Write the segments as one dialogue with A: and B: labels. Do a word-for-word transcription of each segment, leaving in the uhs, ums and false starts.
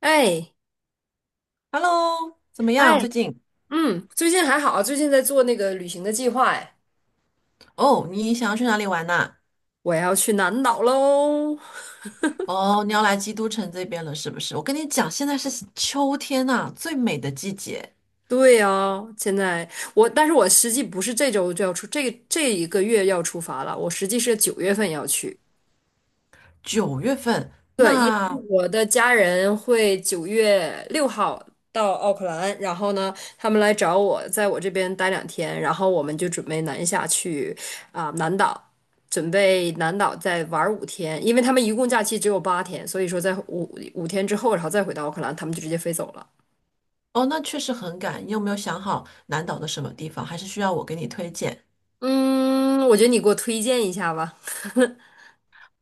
A: 哎
B: Hello，怎么样？
A: 哎，
B: 最近
A: 嗯，最近还好啊，最近在做那个旅行的计划，哎，
B: 哦，你想要去哪里玩呐、
A: 我要去南岛喽。
B: 哦，你要来基督城这边了，是不是？我跟你讲，现在是秋天呐、最美的季节，
A: 对呀，现在我，但是我实际不是这周就要出，这这一个月要出发了，我实际是九月份要去。
B: 九月份。
A: 对，因为
B: 那
A: 我的家人会九月六号到奥克兰，然后呢，他们来找我，在我这边待两天，然后我们就准备南下去啊、南岛，准备南岛再玩五天，因为他们一共假期只有八天，所以说在五五天之后，然后再回到奥克兰，他们就直接飞走了。
B: 哦，那确实很赶。你有没有想好南岛的什么地方？还是需要我给你推荐？
A: 嗯，我觉得你给我推荐一下吧。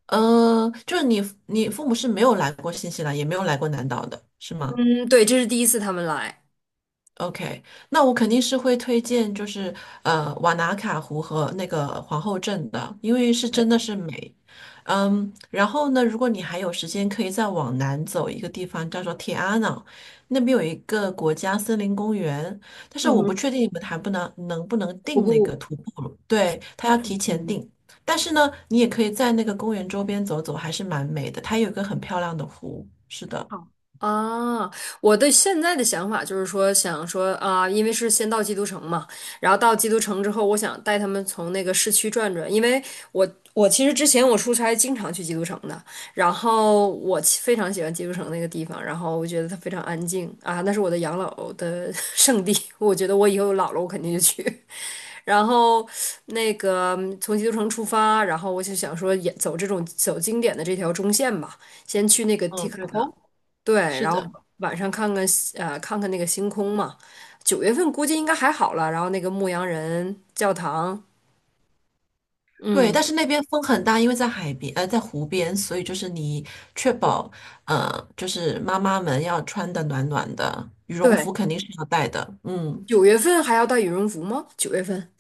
B: 呃，就是你，你父母是没有来过新西兰，也没有来过南岛的，是吗？
A: 嗯，对，这是第一次他们来。
B: OK，那我肯定是会推荐，就是呃瓦纳卡湖和那个皇后镇的，因为是真的是美。嗯，然后呢，如果你还有时间，可以再往南走一个地方，叫做铁阿瑙，那边有一个国家森林公园，但是
A: 嗯
B: 我不
A: 哼，
B: 确定你们还不能能不能
A: 我
B: 订那个
A: 不。
B: 徒步了，对，他要提前订。但是呢，你也可以在那个公园周边走走，还是蛮美的，它有一个很漂亮的湖。是的，
A: 好啊，我的现在的想法就是说，想说啊，因为是先到基督城嘛，然后到基督城之后，我想带他们从那个市区转转，因为我我其实之前我出差经常去基督城的，然后我其非常喜欢基督城那个地方，然后我觉得它非常安静啊，那是我的养老的 圣地，我觉得我以后老了我肯定就去。然后那个嗯从基督城出发，然后我就想说也走这种走经典的这条中线吧，先去那个提
B: 嗯，
A: 卡
B: 对
A: 坡。
B: 的，
A: 对，
B: 是
A: 然后
B: 的。
A: 晚上看看西呃看看那个星空嘛。九月份估计应该还好了，然后那个牧羊人教堂，
B: 对，
A: 嗯，
B: 但是那边风很大，因为在海边，呃，在湖边，所以就是你确保，呃，就是妈妈们要穿的暖暖的，羽绒
A: 对，
B: 服肯定是要带的。嗯，
A: 九月份还要带羽绒服吗？九月份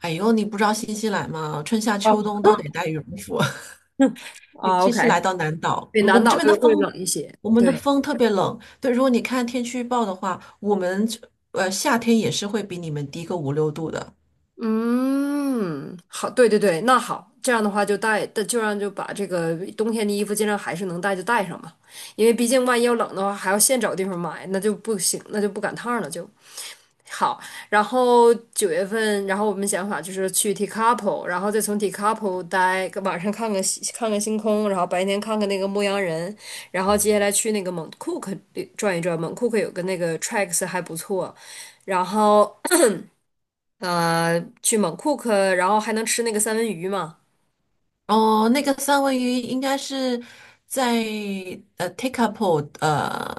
B: 哎呦，你不知道新西兰吗？春夏秋
A: 哦，
B: 冬都得带羽绒服，尤
A: 啊
B: 其
A: ，OK，
B: 是来到南岛，
A: 对，
B: 嗯我
A: 南
B: 们这
A: 岛
B: 边的
A: 就会
B: 风，
A: 冷一些，
B: 我们的
A: 对，
B: 风特别冷。对，如果你看天气预报的话，我们呃夏天也是会比你们低个五六度的。
A: 嗯，好，对对对，那好，这样的话就带，就让就把这个冬天的衣服尽量还是能带就带上嘛，因为毕竟万一要冷的话，还要现找地方买，那就不行，那就不赶趟儿了就。好，然后九月份，然后我们想法就是去 Tekapo，然后再从 Tekapo 待，晚上看看星看看星空，然后白天看看那个牧羊人，然后接下来去那个蒙库克转一转，蒙库克有个那个 tracks 还不错，然后呃去蒙库克，然后还能吃那个三文鱼嘛，
B: 哦，那个三文鱼应该是在呃 t a k e a p o 呃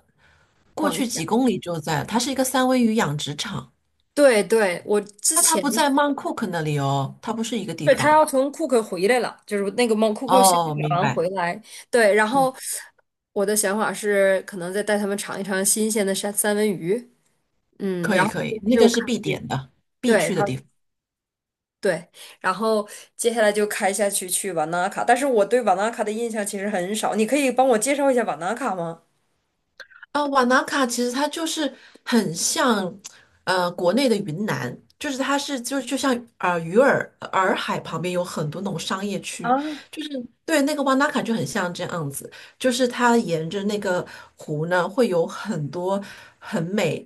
B: 过
A: 往
B: 去几
A: 下，
B: 公里就在，它是一个三文鱼养殖场。
A: 对对，我之
B: 那它
A: 前。
B: 不在 Mount Cook 那里哦，它不是一个地
A: 对，他
B: 方。
A: 要从库克回来了，就是那个蒙库克先选
B: 哦，明
A: 完
B: 白。
A: 回来。对，然
B: 嗯，
A: 后我的想法是，可能再带他们尝一尝新鲜的三三文鱼，嗯，
B: 可
A: 然
B: 以
A: 后
B: 可以，那个
A: 就
B: 是
A: 开
B: 必点的，必
A: 对，然
B: 去的
A: 后
B: 地方。
A: 对，然后接下来就开下去去瓦纳卡。但是我对瓦纳卡的印象其实很少，你可以帮我介绍一下瓦纳卡吗？
B: 啊，瓦纳卡其实它就是很像，呃，国内的云南，就是它是就就像呃鱼儿呃洱海旁边有很多那种商业区，就是对那个瓦纳卡就很像这样子，就是它沿着那个湖呢会有很多很美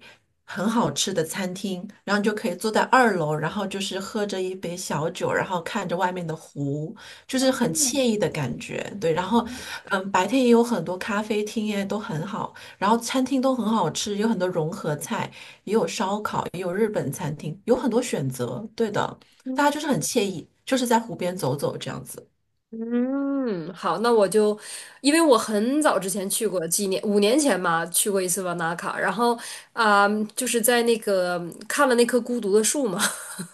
B: 很好吃的餐厅，然后你就可以坐在二楼，然后就是喝着一杯小酒，然后看着外面的湖，就是很惬意的感觉。对，然后嗯，白天也有很多咖啡厅耶，都很好。然后餐厅都很好吃，有很多融合菜，也有烧烤，也有日本餐厅，有很多选择。对的，大家就是很惬意，就是在湖边走走这样子。
A: 嗯，好，那我就，因为我很早之前去过，几年，五年前吧，去过一次瓦纳卡，然后啊、就是在那个看了那棵孤独的树嘛，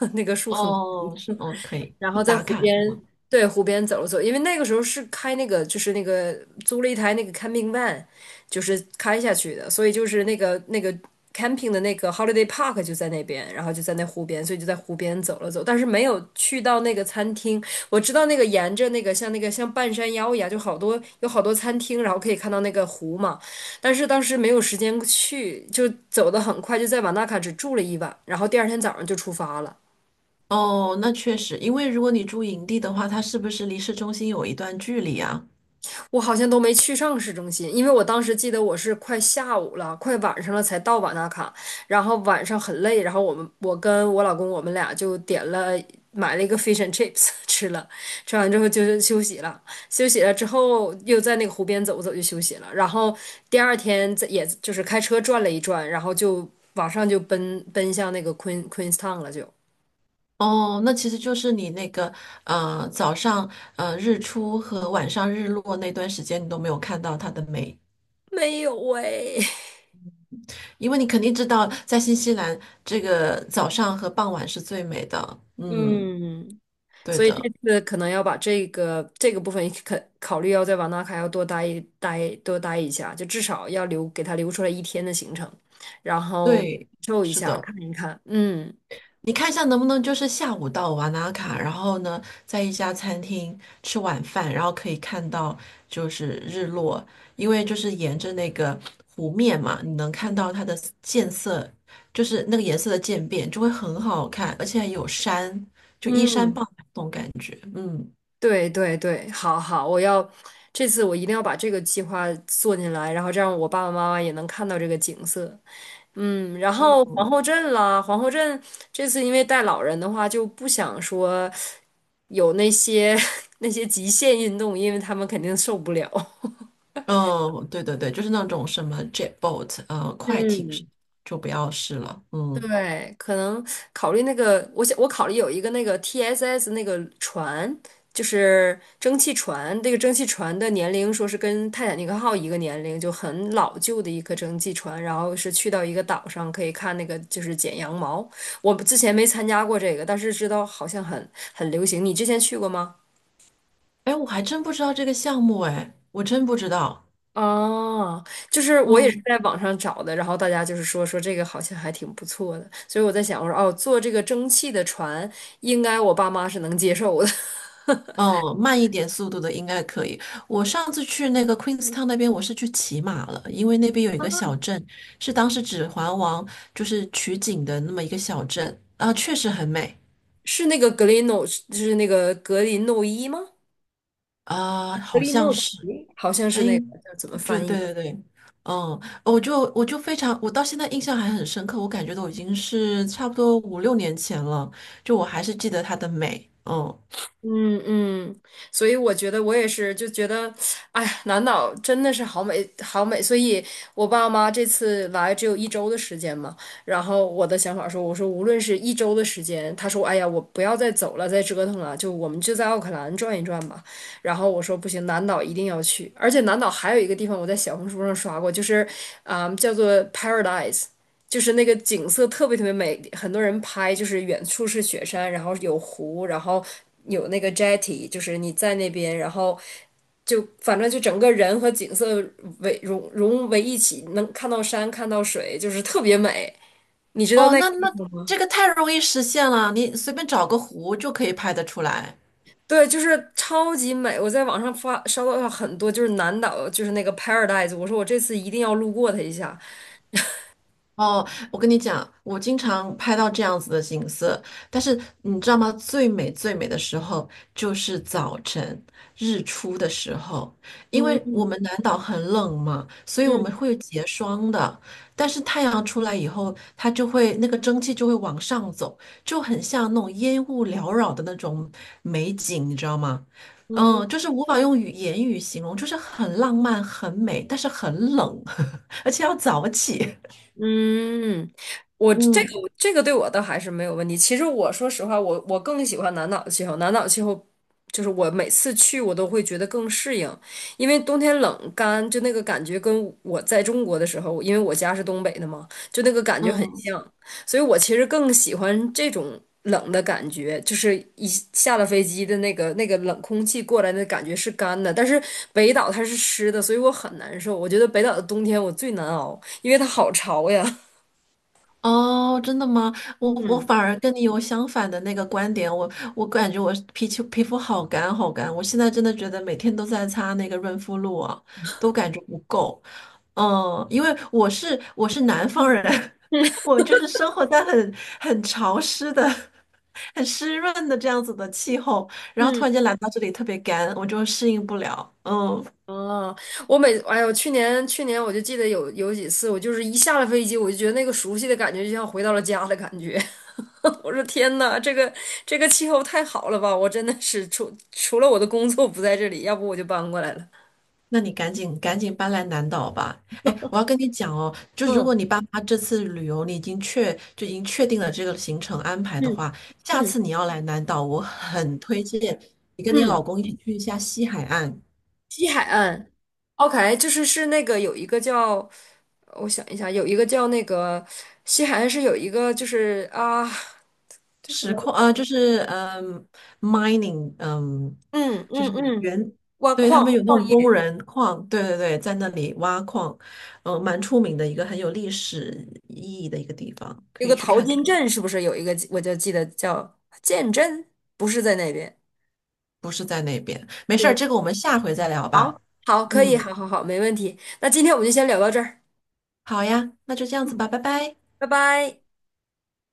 A: 那个树很
B: 哦，是哦，可以
A: 然
B: 去
A: 后在
B: 打
A: 湖
B: 卡
A: 边，
B: 是吗？
A: 对，湖边走了走，因为那个时候是开那个，就是那个租了一台那个 camping van，就是开下去的，所以就是那个那个 camping 的那个 holiday park 就在那边，然后就在那湖边，所以就在湖边走了走，但是没有去到那个餐厅。我知道那个沿着那个像那个像半山腰一样，就好多有好多餐厅，然后可以看到那个湖嘛，但是当时没有时间去，就走得很快，就在瓦纳卡只住了一晚，然后第二天早上就出发了。
B: 哦，那确实，因为如果你住营地的话，它是不是离市中心有一段距离啊？
A: 我好像都没去上市中心，因为我当时记得我是快下午了，快晚上了才到瓦纳卡，然后晚上很累，然后我们我跟我老公我们俩就点了买了一个 fish and chips 吃了，吃完之后就是休息了，休息了之后又在那个湖边走走就休息了，然后第二天在也就是开车转了一转，然后就马上就奔奔向那个 Queen Queenstown 了就，
B: 哦，那其实就是你那个呃早上呃日出和晚上日落那段时间，你都没有看到它的美
A: 没有喂，
B: 因为你肯定知道，在新西兰这个早上和傍晚是最美的。嗯，
A: 嗯。
B: 对
A: 所以这
B: 的，
A: 次可能要把这个这个部分可考虑要在瓦纳卡要多待一待多待一下，就至少要留给他留出来一天的行程，然后感
B: 对，
A: 受一
B: 是
A: 下
B: 的。
A: 看一看。嗯
B: 你看一下能不能就是下午到瓦纳卡，然后呢，在一家餐厅吃晚饭，然后可以看到就是日落，因为就是沿着那个湖面嘛，你能看到它的渐色，就是那个颜色的渐变，就会很好看，而且有山，就依山
A: 嗯，
B: 傍海那种感觉。嗯。
A: 对对对，好好，我要这次我一定要把这个计划做进来，然后这样我爸爸妈妈也能看到这个景色。嗯，然后皇后镇啦，皇后镇这次因为带老人的话，就不想说有那些 那些极限运动，因为他们肯定受不了。
B: 嗯，对对对，就是那种什么 jetboat，呃，快艇是
A: 嗯，
B: 就不要试了。嗯，
A: 对，可能考虑那个，我想我考虑有一个那个 T S S 那个船，就是蒸汽船，这个蒸汽船的年龄说是跟泰坦尼克号一个年龄，就很老旧的一个蒸汽船，然后是去到一个岛上可以看那个就是剪羊毛。我之前没参加过这个，但是知道好像很很流行。你之前去过吗？
B: 哎，我还真不知道这个项目，哎，我真不知道。
A: 哦，就是我也是
B: 嗯
A: 在网上找的，然后大家就是说说这个好像还挺不错的，所以我在想，我说哦，坐这个蒸汽的船，应该我爸妈是能接受的。
B: 嗯，慢一点速度的应该可以。我上次去那个 Queenstown 那边，我是去骑马了，因为那边有一个小镇，是当时《指环王》就是取景的那么一个小镇，啊、确实很美
A: 是那个格林诺，就是那个格林诺伊吗？
B: 啊、
A: 格
B: 好
A: 林
B: 像
A: 诺
B: 是。
A: 伊好像
B: 哎，
A: 是那个，叫怎么
B: 就
A: 翻
B: 对
A: 译？
B: 对对，嗯，我就我就非常，我到现在印象还很深刻，我感觉都已经是差不多五六年前了，就我还是记得它的美，嗯，
A: 嗯嗯，所以我觉得我也是，就觉得，哎呀，南岛真的是好美，好美。所以我爸妈这次来只有一周的时间嘛，然后我的想法说，我说无论是一周的时间，他说，哎呀，我不要再走了，再折腾了，就我们就在奥克兰转一转吧。然后我说不行，南岛一定要去，而且南岛还有一个地方我在小红书上刷过，就是啊、叫做 Paradise。就是那个景色特别特别美，很多人拍，就是远处是雪山，然后有湖，然后有那个 jetty，就是你在那边，然后就反正就整个人和景色为融融为一起，能看到山，看到水，就是特别美。你知道
B: 哦，
A: 那个
B: 那那这个太容易实现了，你随便找个湖就可以拍得出来。
A: 对，就是超级美。我在网上发刷到很多，就是南岛，就是那个 Paradise，我说我这次一定要路过它一下。
B: 哦，我跟你讲，我经常拍到这样子的景色，但是你知道吗？最美最美的时候就是早晨日出的时候，因为我
A: 嗯
B: 们南岛很冷嘛，所以我们
A: 嗯
B: 会有结霜的。但是太阳出来以后，它就会那个蒸汽就会往上走，就很像那种烟雾缭绕的那种美景，你知道吗？
A: 嗯。
B: 嗯，就是无法用语言语形容，就是很浪漫、很美，但是很冷，而且要早起。
A: 嗯，我这
B: 嗯。
A: 个我这个对我倒还是没有问题。其实我说实话，我我更喜欢南岛的气候。南岛气候就是我每次去我都会觉得更适应，因为冬天冷干，就那个感觉跟我在中国的时候，因为我家是东北的嘛，就那个感觉很
B: 嗯，
A: 像。所以我其实更喜欢这种冷的感觉，就是一下了飞机的那个那个冷空气过来的感觉是干的，但是北岛它是湿的，所以我很难受。我觉得北岛的冬天我最难熬，因为它好潮呀。
B: 哦，真的吗？我我反而跟你有相反的那个观点，我我感觉我皮肤皮肤好干好干，我现在真的觉得每天都在擦那个润肤露啊，都感觉不够。嗯，因为我是我是南方人，我就是生活在很很潮湿的、很湿润的这样子的气候，然后突
A: 嗯
B: 然间来到这里特别干，我就适应不了。嗯。
A: 嗯，啊，我每哎呦，去年去年我就记得有有几次，我就是一下了飞机，我就觉得那个熟悉的感觉就像回到了家的感觉。我说天呐，这个这个气候太好了吧！我真的是除除了我的工作不在这里，要不我就搬过来了。
B: 那你赶紧赶紧搬来南岛吧。哎，我要跟你讲哦，就如
A: 嗯。
B: 果你爸妈这次旅游你已经确就已经确定了这个行程安排的
A: 嗯
B: 话，下
A: 嗯
B: 次你要来南岛，我很推荐你跟你老
A: 嗯，
B: 公一起去一下西海岸
A: 西海岸，OK，就是是那个有一个叫，我想一下，有一个叫那个西海岸是有一个就是啊，就我
B: 石矿啊，呃就是嗯 mining 嗯
A: 嗯
B: 就
A: 嗯
B: 是
A: 嗯，
B: 原
A: 挖
B: 对他
A: 矿
B: 们有那
A: 矿
B: 种工
A: 业
B: 人矿，对对对，在那里挖矿，嗯、蛮出名的一个很有历史意义的一个地方，
A: 有
B: 可以
A: 个
B: 去
A: 淘
B: 看
A: 金
B: 看。
A: 镇是不是有一个我就记得叫建镇，不是在那边，
B: 不是在那边。没事儿，
A: 嗯，
B: 这个我们下回再聊
A: 好，
B: 吧。
A: 好，可以，
B: 嗯，
A: 好好好，没问题，那今天我们就先聊到这儿，
B: 好呀，那就这样子吧，拜拜。
A: 拜拜。